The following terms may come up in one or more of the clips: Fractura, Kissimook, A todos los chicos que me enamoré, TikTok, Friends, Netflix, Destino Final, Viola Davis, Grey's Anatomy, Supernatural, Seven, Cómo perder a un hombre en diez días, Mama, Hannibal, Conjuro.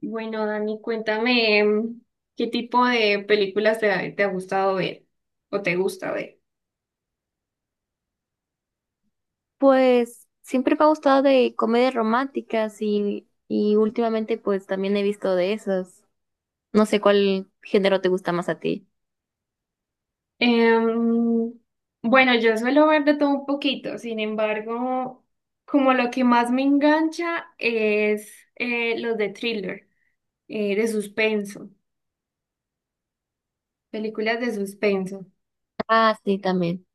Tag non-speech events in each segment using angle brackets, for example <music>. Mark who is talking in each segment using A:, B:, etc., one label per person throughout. A: Bueno, Dani, cuéntame qué tipo de películas te ha gustado ver o te gusta ver.
B: Pues siempre me ha gustado de comedias románticas y últimamente pues también he visto de esas. No sé cuál género te gusta más a ti.
A: Em, bueno, yo suelo ver de todo un poquito, sin embargo, como lo que más me engancha es los de thriller, de suspenso, películas de suspenso.
B: Ah, sí, también.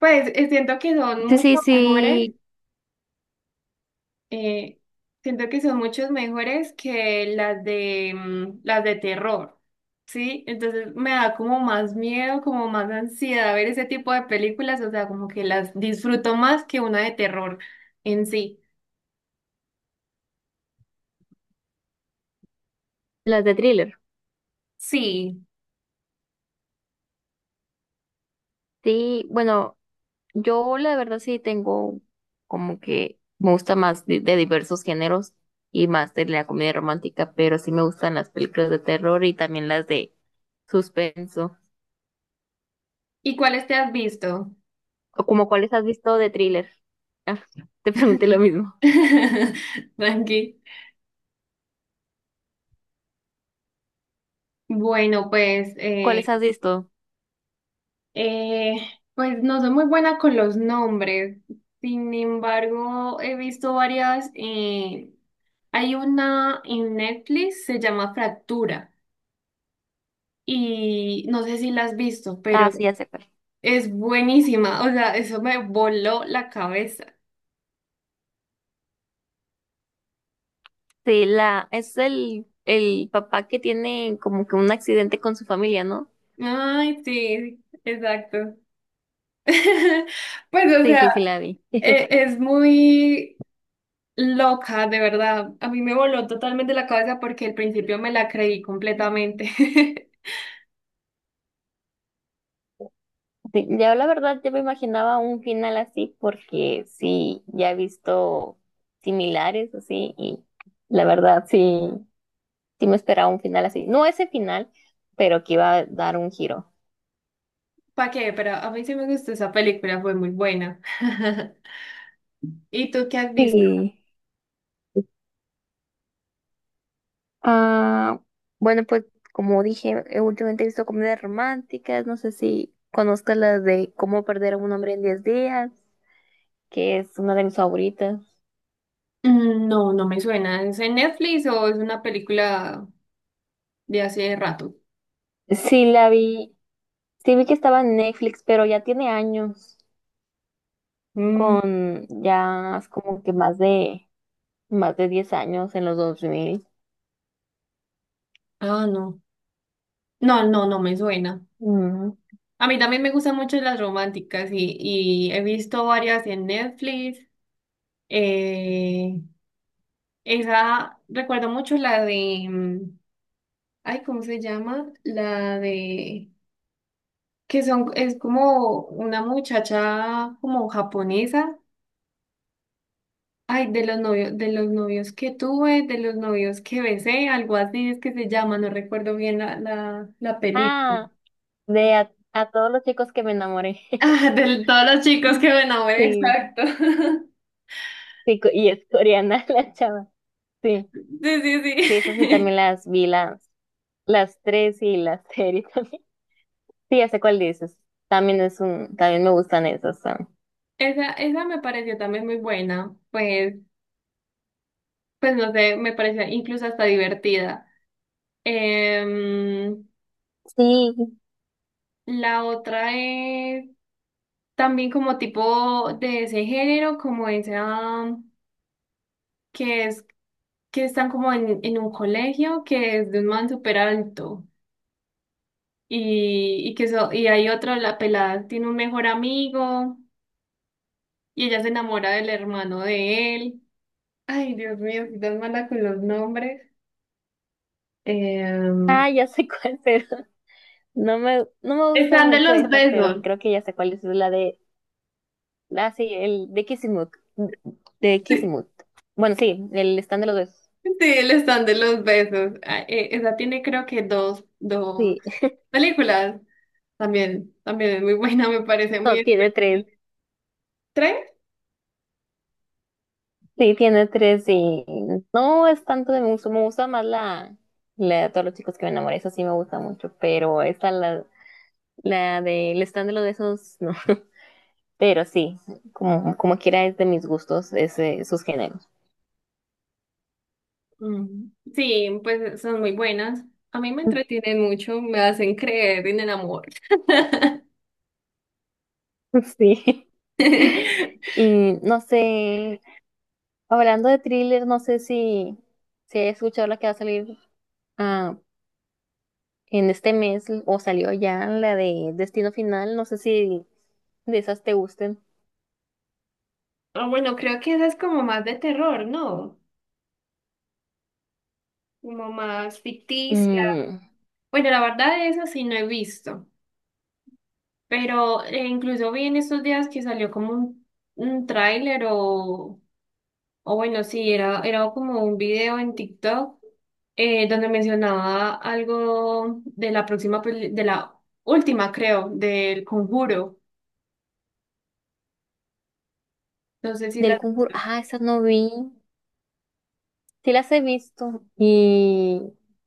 A: Pues siento que son
B: Sí, sí,
A: mucho mejores.
B: sí,
A: Eh, Siento que son muchos mejores que las de las de terror, ¿sí? Entonces me da como más miedo, como más ansiedad ver ese tipo de películas, o sea, como que las disfruto más que una de terror en sí.
B: las de thriller.
A: Sí.
B: Sí, bueno, yo la verdad sí tengo como que me gusta más de diversos géneros y más de la comedia romántica, pero sí me gustan las películas de terror y también las de suspenso.
A: ¿Y cuáles te has visto?
B: ¿O como cuáles has visto de thriller? Ah, te pregunté lo mismo.
A: <laughs> Tranqui. Bueno, pues
B: ¿Cuáles has visto?
A: Eh, pues no soy muy buena con los nombres. Sin embargo, he visto varias. Hay una en Netflix, se llama Fractura. Y no sé si la has visto,
B: Ah,
A: pero
B: sí, ya sé cuál.
A: es buenísima. O sea, eso me voló la cabeza.
B: Sí, la, es el papá que tiene como que un accidente con su familia, ¿no?
A: Ay, sí, exacto. <laughs> Pues, o
B: Sí,
A: sea,
B: sí, sí, la vi. <laughs>
A: es muy loca, de verdad. A mí me voló totalmente la cabeza porque al principio me la creí completamente. <laughs>
B: Sí, ya la verdad, yo me imaginaba un final así porque sí, ya he visto similares así y la verdad sí, sí me esperaba un final así. No ese final, pero que iba a dar un giro.
A: ¿Para qué? Pero a mí sí me gustó esa película, fue muy buena. ¿Y tú qué has visto?
B: Sí. Ah, bueno, pues como dije, últimamente he visto comedias románticas. No sé si conozcas las de Cómo perder a un hombre en 10 días, que es una de mis favoritas.
A: Mm, no, no me suena. ¿Es en Netflix o es una película de hace rato?
B: Sí, la vi, sí vi que estaba en Netflix, pero ya tiene años,
A: Mm,
B: con ya es como que más de 10 años en los 2000.
A: ah, no. No, no, no me suena.
B: Ujú.
A: A mí también me gustan mucho las románticas y he visto varias en Netflix. Eh, Esa, recuerdo mucho la de, ay, ¿cómo se llama? La de, que son, es como una muchacha como japonesa. Ay, de los novios que tuve, de los novios que besé, algo así es que se llama, no recuerdo bien la película. <laughs>
B: Ah, de a todos los chicos que me enamoré. <laughs>
A: Ah, de todos los chicos que me enamoré,
B: Sí,
A: exacto. <laughs>
B: sí, co- y es coreana <laughs> la chava. Sí,
A: Sí, sí,
B: sí, esas sí también
A: sí. <laughs>
B: las vi, las. Las tres y las <laughs> serie también. Sí, ya sé cuál dices. También es un, también me gustan esas. Ah.
A: Esa me pareció también muy buena. Pues, pues no sé, me parecía incluso hasta divertida. Em,
B: Sí,
A: la otra es también como tipo de ese género, como esa que es que están como en un colegio que es de un man súper alto y que y hay otro, la pelada tiene un mejor amigo y ella se enamora del hermano de él. Ay, Dios mío, soy tan mala con los nombres. Em,
B: ah, ya sé cuál, <laughs> pero no me gusta
A: Están de
B: mucho
A: los
B: esa, pero
A: besos.
B: creo que ya sé cuál es la de, ah, sí, el de Kissimook, de
A: <laughs>
B: Kissimook. Bueno, sí, el stand de los besos.
A: Sí, el están de los besos. Ah, esa tiene creo que dos, dos
B: Sí,
A: películas. También, también es muy buena, me parece
B: <laughs>
A: muy
B: no, tiene
A: entretenida.
B: tres.
A: ¿Tres?
B: Sí, tiene tres y no es tanto de me gusta más la, la de todos los chicos que me enamoré, esa sí me gusta mucho, pero esta, la del stand de los besos, <laughs> no. Pero sí, como, como quiera es de mis gustos ese, sus géneros.
A: Mm, sí, pues son muy buenas. A mí me
B: <laughs>
A: entretienen mucho, me hacen creer en el amor.
B: Sí.
A: <laughs>
B: Y no sé, hablando de thriller, no sé si, si he escuchado la que va a salir ah, en este mes o salió ya la de Destino Final, no sé si de esas te gusten.
A: Ah, bueno, creo que esa es como más de terror, ¿no? Como más ficticia.
B: Mm,
A: Bueno, la verdad esa sí no he visto, pero incluso vi en estos días que salió como un tráiler o bueno, sí, era, era como un video en TikTok donde mencionaba algo de la próxima, de la última, creo, del Conjuro. No sé si la
B: del
A: has
B: concurso,
A: visto.
B: ah, esas no vi, sí las he visto y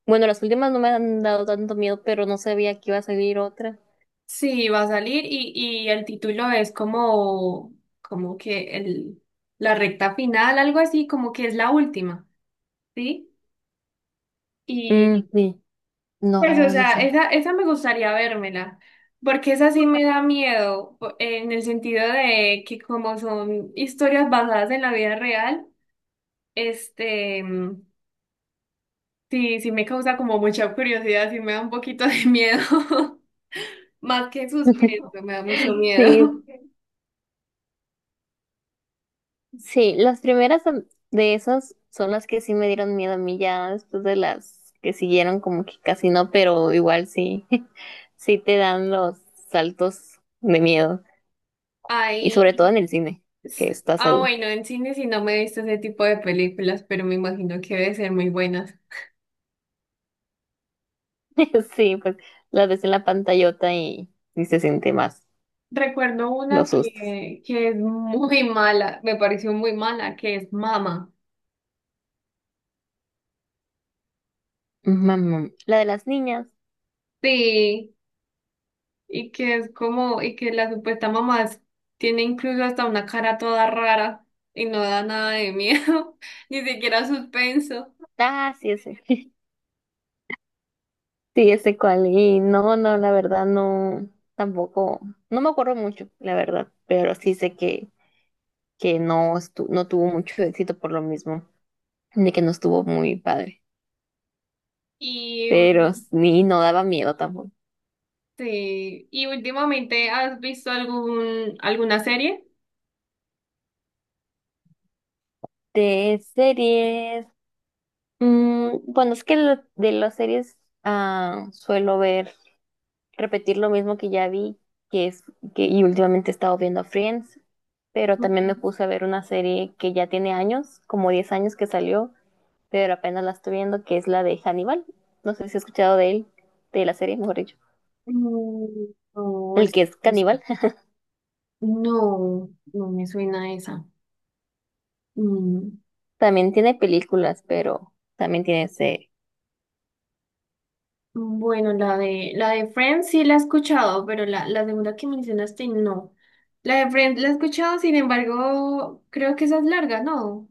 B: bueno, las últimas no me han dado tanto miedo, pero no sabía que iba a salir otra.
A: Sí, va a salir y el título es como, como que el, la recta final, algo así, como que es la última, ¿sí?
B: Mm,
A: Y
B: sí,
A: pues, o
B: no, no
A: sea,
B: sé.
A: esa me gustaría vérmela, porque esa sí me da miedo, en el sentido de que como son historias basadas en la vida real, este, mm, sí, sí me causa como mucha curiosidad, sí me da un poquito de miedo, <laughs> más que
B: <laughs>
A: suspenso, me da mucho
B: Sí,
A: miedo.
B: sí, las primeras son- de esas son las que sí me dieron miedo a mí. Ya después de las que siguieron como que casi no, pero igual sí, <laughs> sí te dan los saltos de miedo
A: <laughs>
B: y
A: Hay
B: sobre todo en el cine, que estás
A: Ah,
B: ahí.
A: bueno, en cine sí no me he visto ese tipo de películas, pero me imagino que debe ser muy buenas.
B: <laughs> Sí, pues las ves en la pantallota y se siente más
A: Recuerdo una
B: los sustos.
A: que es muy mala, me pareció muy mala, que es Mama.
B: Mamá, la de las niñas.
A: Sí, y que es como, y que la supuesta mamá tiene incluso hasta una cara toda rara y no da nada de miedo, <laughs> ni siquiera suspenso.
B: Ah, sí, sí. <laughs> Sí, ese cual. Y no, no, la verdad no, tampoco, no me acuerdo mucho, la verdad, pero sí sé que no estu- no tuvo mucho <laughs> éxito por lo mismo, de que no estuvo muy padre,
A: Y
B: pero ni no daba miedo tampoco.
A: sí, y últimamente, ¿has visto algún, alguna serie?
B: De series, mm, bueno, es que lo- de las series ah, suelo ver, repetir lo mismo que ya vi, que es, que, y últimamente he estado viendo Friends, pero también me
A: Ujú.
B: puse a ver una serie que ya tiene años, como 10 años que salió, pero apenas la estoy viendo, que es la de Hannibal. No sé si has escuchado de él, de la serie, mejor dicho.
A: Mm, No,
B: El
A: es-
B: que es caníbal. <laughs>
A: No, no me suena esa. Mm,
B: También tiene películas, pero también tiene ese...
A: Bueno, la de Friends sí la he escuchado, pero la segunda que mencionaste no. La de Friends la he escuchado, sin embargo, creo que esa es larga, ¿no?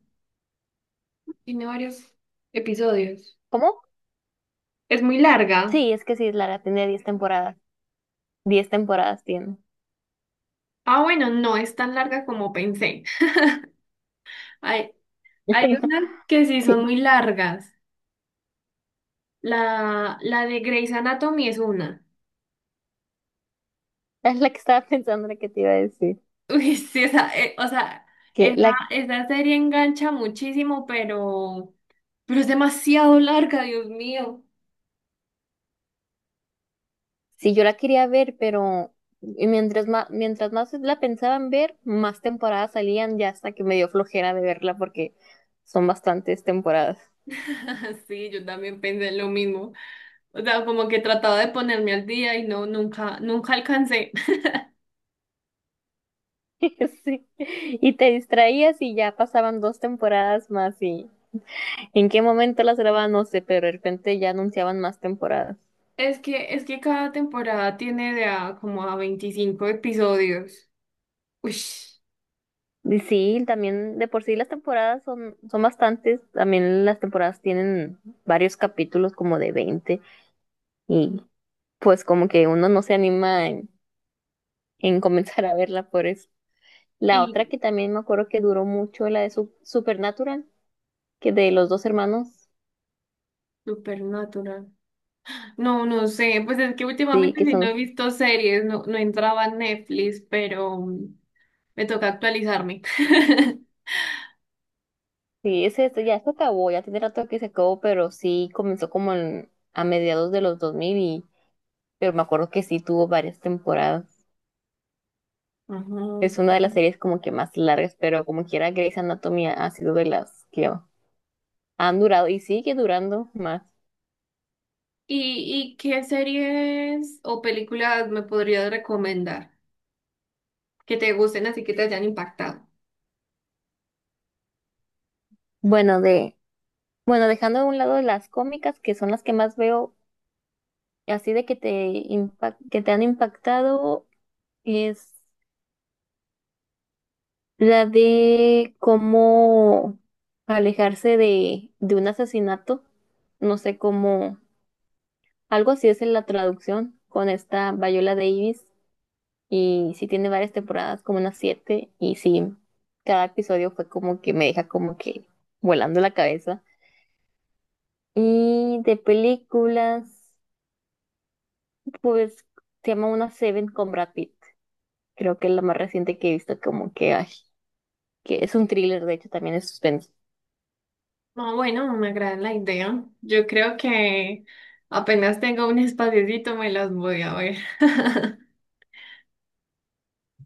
A: Tiene varios episodios.
B: ¿Cómo?
A: Es muy larga.
B: Sí, es que sí, Lara tiene 10 temporadas. Diez temporadas tiene.
A: Ah, bueno, no es tan larga como pensé. <laughs> Hay, hay unas que
B: <laughs>
A: sí
B: No,
A: son
B: sí,
A: muy largas. La de Grey's Anatomy es una.
B: es la que estaba pensando, la que te iba a decir.
A: Uy, sí, o sea,
B: Que
A: esa,
B: la...
A: esa serie engancha muchísimo, pero es demasiado larga, Dios mío.
B: Sí, yo la quería ver, pero mientras más la pensaban ver, más temporadas salían ya, hasta que me dio flojera de verla porque son bastantes temporadas.
A: <laughs> Sí, yo también pensé lo mismo. O sea, como que trataba de ponerme al día y no, nunca, nunca alcancé. <laughs>
B: <laughs> Sí. Y te distraías y ya pasaban dos temporadas más y en qué momento las grababan, no sé, pero de repente ya anunciaban más temporadas.
A: Es que cada temporada tiene de a, como a 25 episodios. Uy,
B: Y sí, también de por sí las temporadas son, son bastantes, también las temporadas tienen varios capítulos como de 20 y pues como que uno no se anima en <laughs> comenzar a verla por eso. La otra
A: y
B: que también me acuerdo que duró mucho, la de Su- Supernatural, que de los dos hermanos,
A: Supernatural. No, no sé, pues es que
B: sí,
A: últimamente
B: que
A: si no he
B: son.
A: visto series, no, no entraba en Netflix, pero me toca actualizarme. <laughs>
B: Sí, ese, este ya se acabó, ya tiene rato que se acabó, pero sí comenzó como en- a mediados de los 2000 y, pero me acuerdo que sí tuvo varias temporadas. Es
A: Ajá.
B: una de las series como que más largas, pero como quiera Grey's Anatomy ha sido de las que han durado y sigue durando más.
A: Y qué series o películas me podrías recomendar que te gusten así que te hayan impactado?
B: Bueno, de, bueno, dejando a un lado las cómicas, que son las que más veo, así de que te, impa- que te han impactado, la de cómo alejarse de un asesinato. No sé cómo. Algo así es en la traducción, con esta Viola Davis. Y sí tiene varias temporadas, como unas 7. Y sí, cada episodio fue como que me deja como que volando la cabeza. Y de películas, pues se llama una Seven con Brad Pitt. Creo que es la más reciente que he visto, como que, ay, que es un thriller, de hecho, también es suspenso.
A: No, bueno, me agrada la idea. Yo creo que apenas tengo un espaciocito me las voy a ver. <laughs>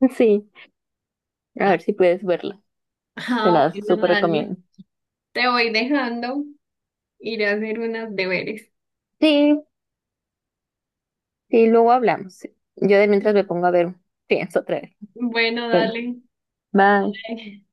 B: <laughs> Sí, a ver si puedes verla. Te
A: Ah,
B: la
A: bueno,
B: súper
A: Dani,
B: recomiendo.
A: te voy dejando, iré a hacer unos deberes.
B: Sí, sí, luego hablamos. Yo de mientras me pongo a ver, pienso otra vez.
A: Bueno,
B: Bueno,
A: dale.
B: bye.
A: <laughs>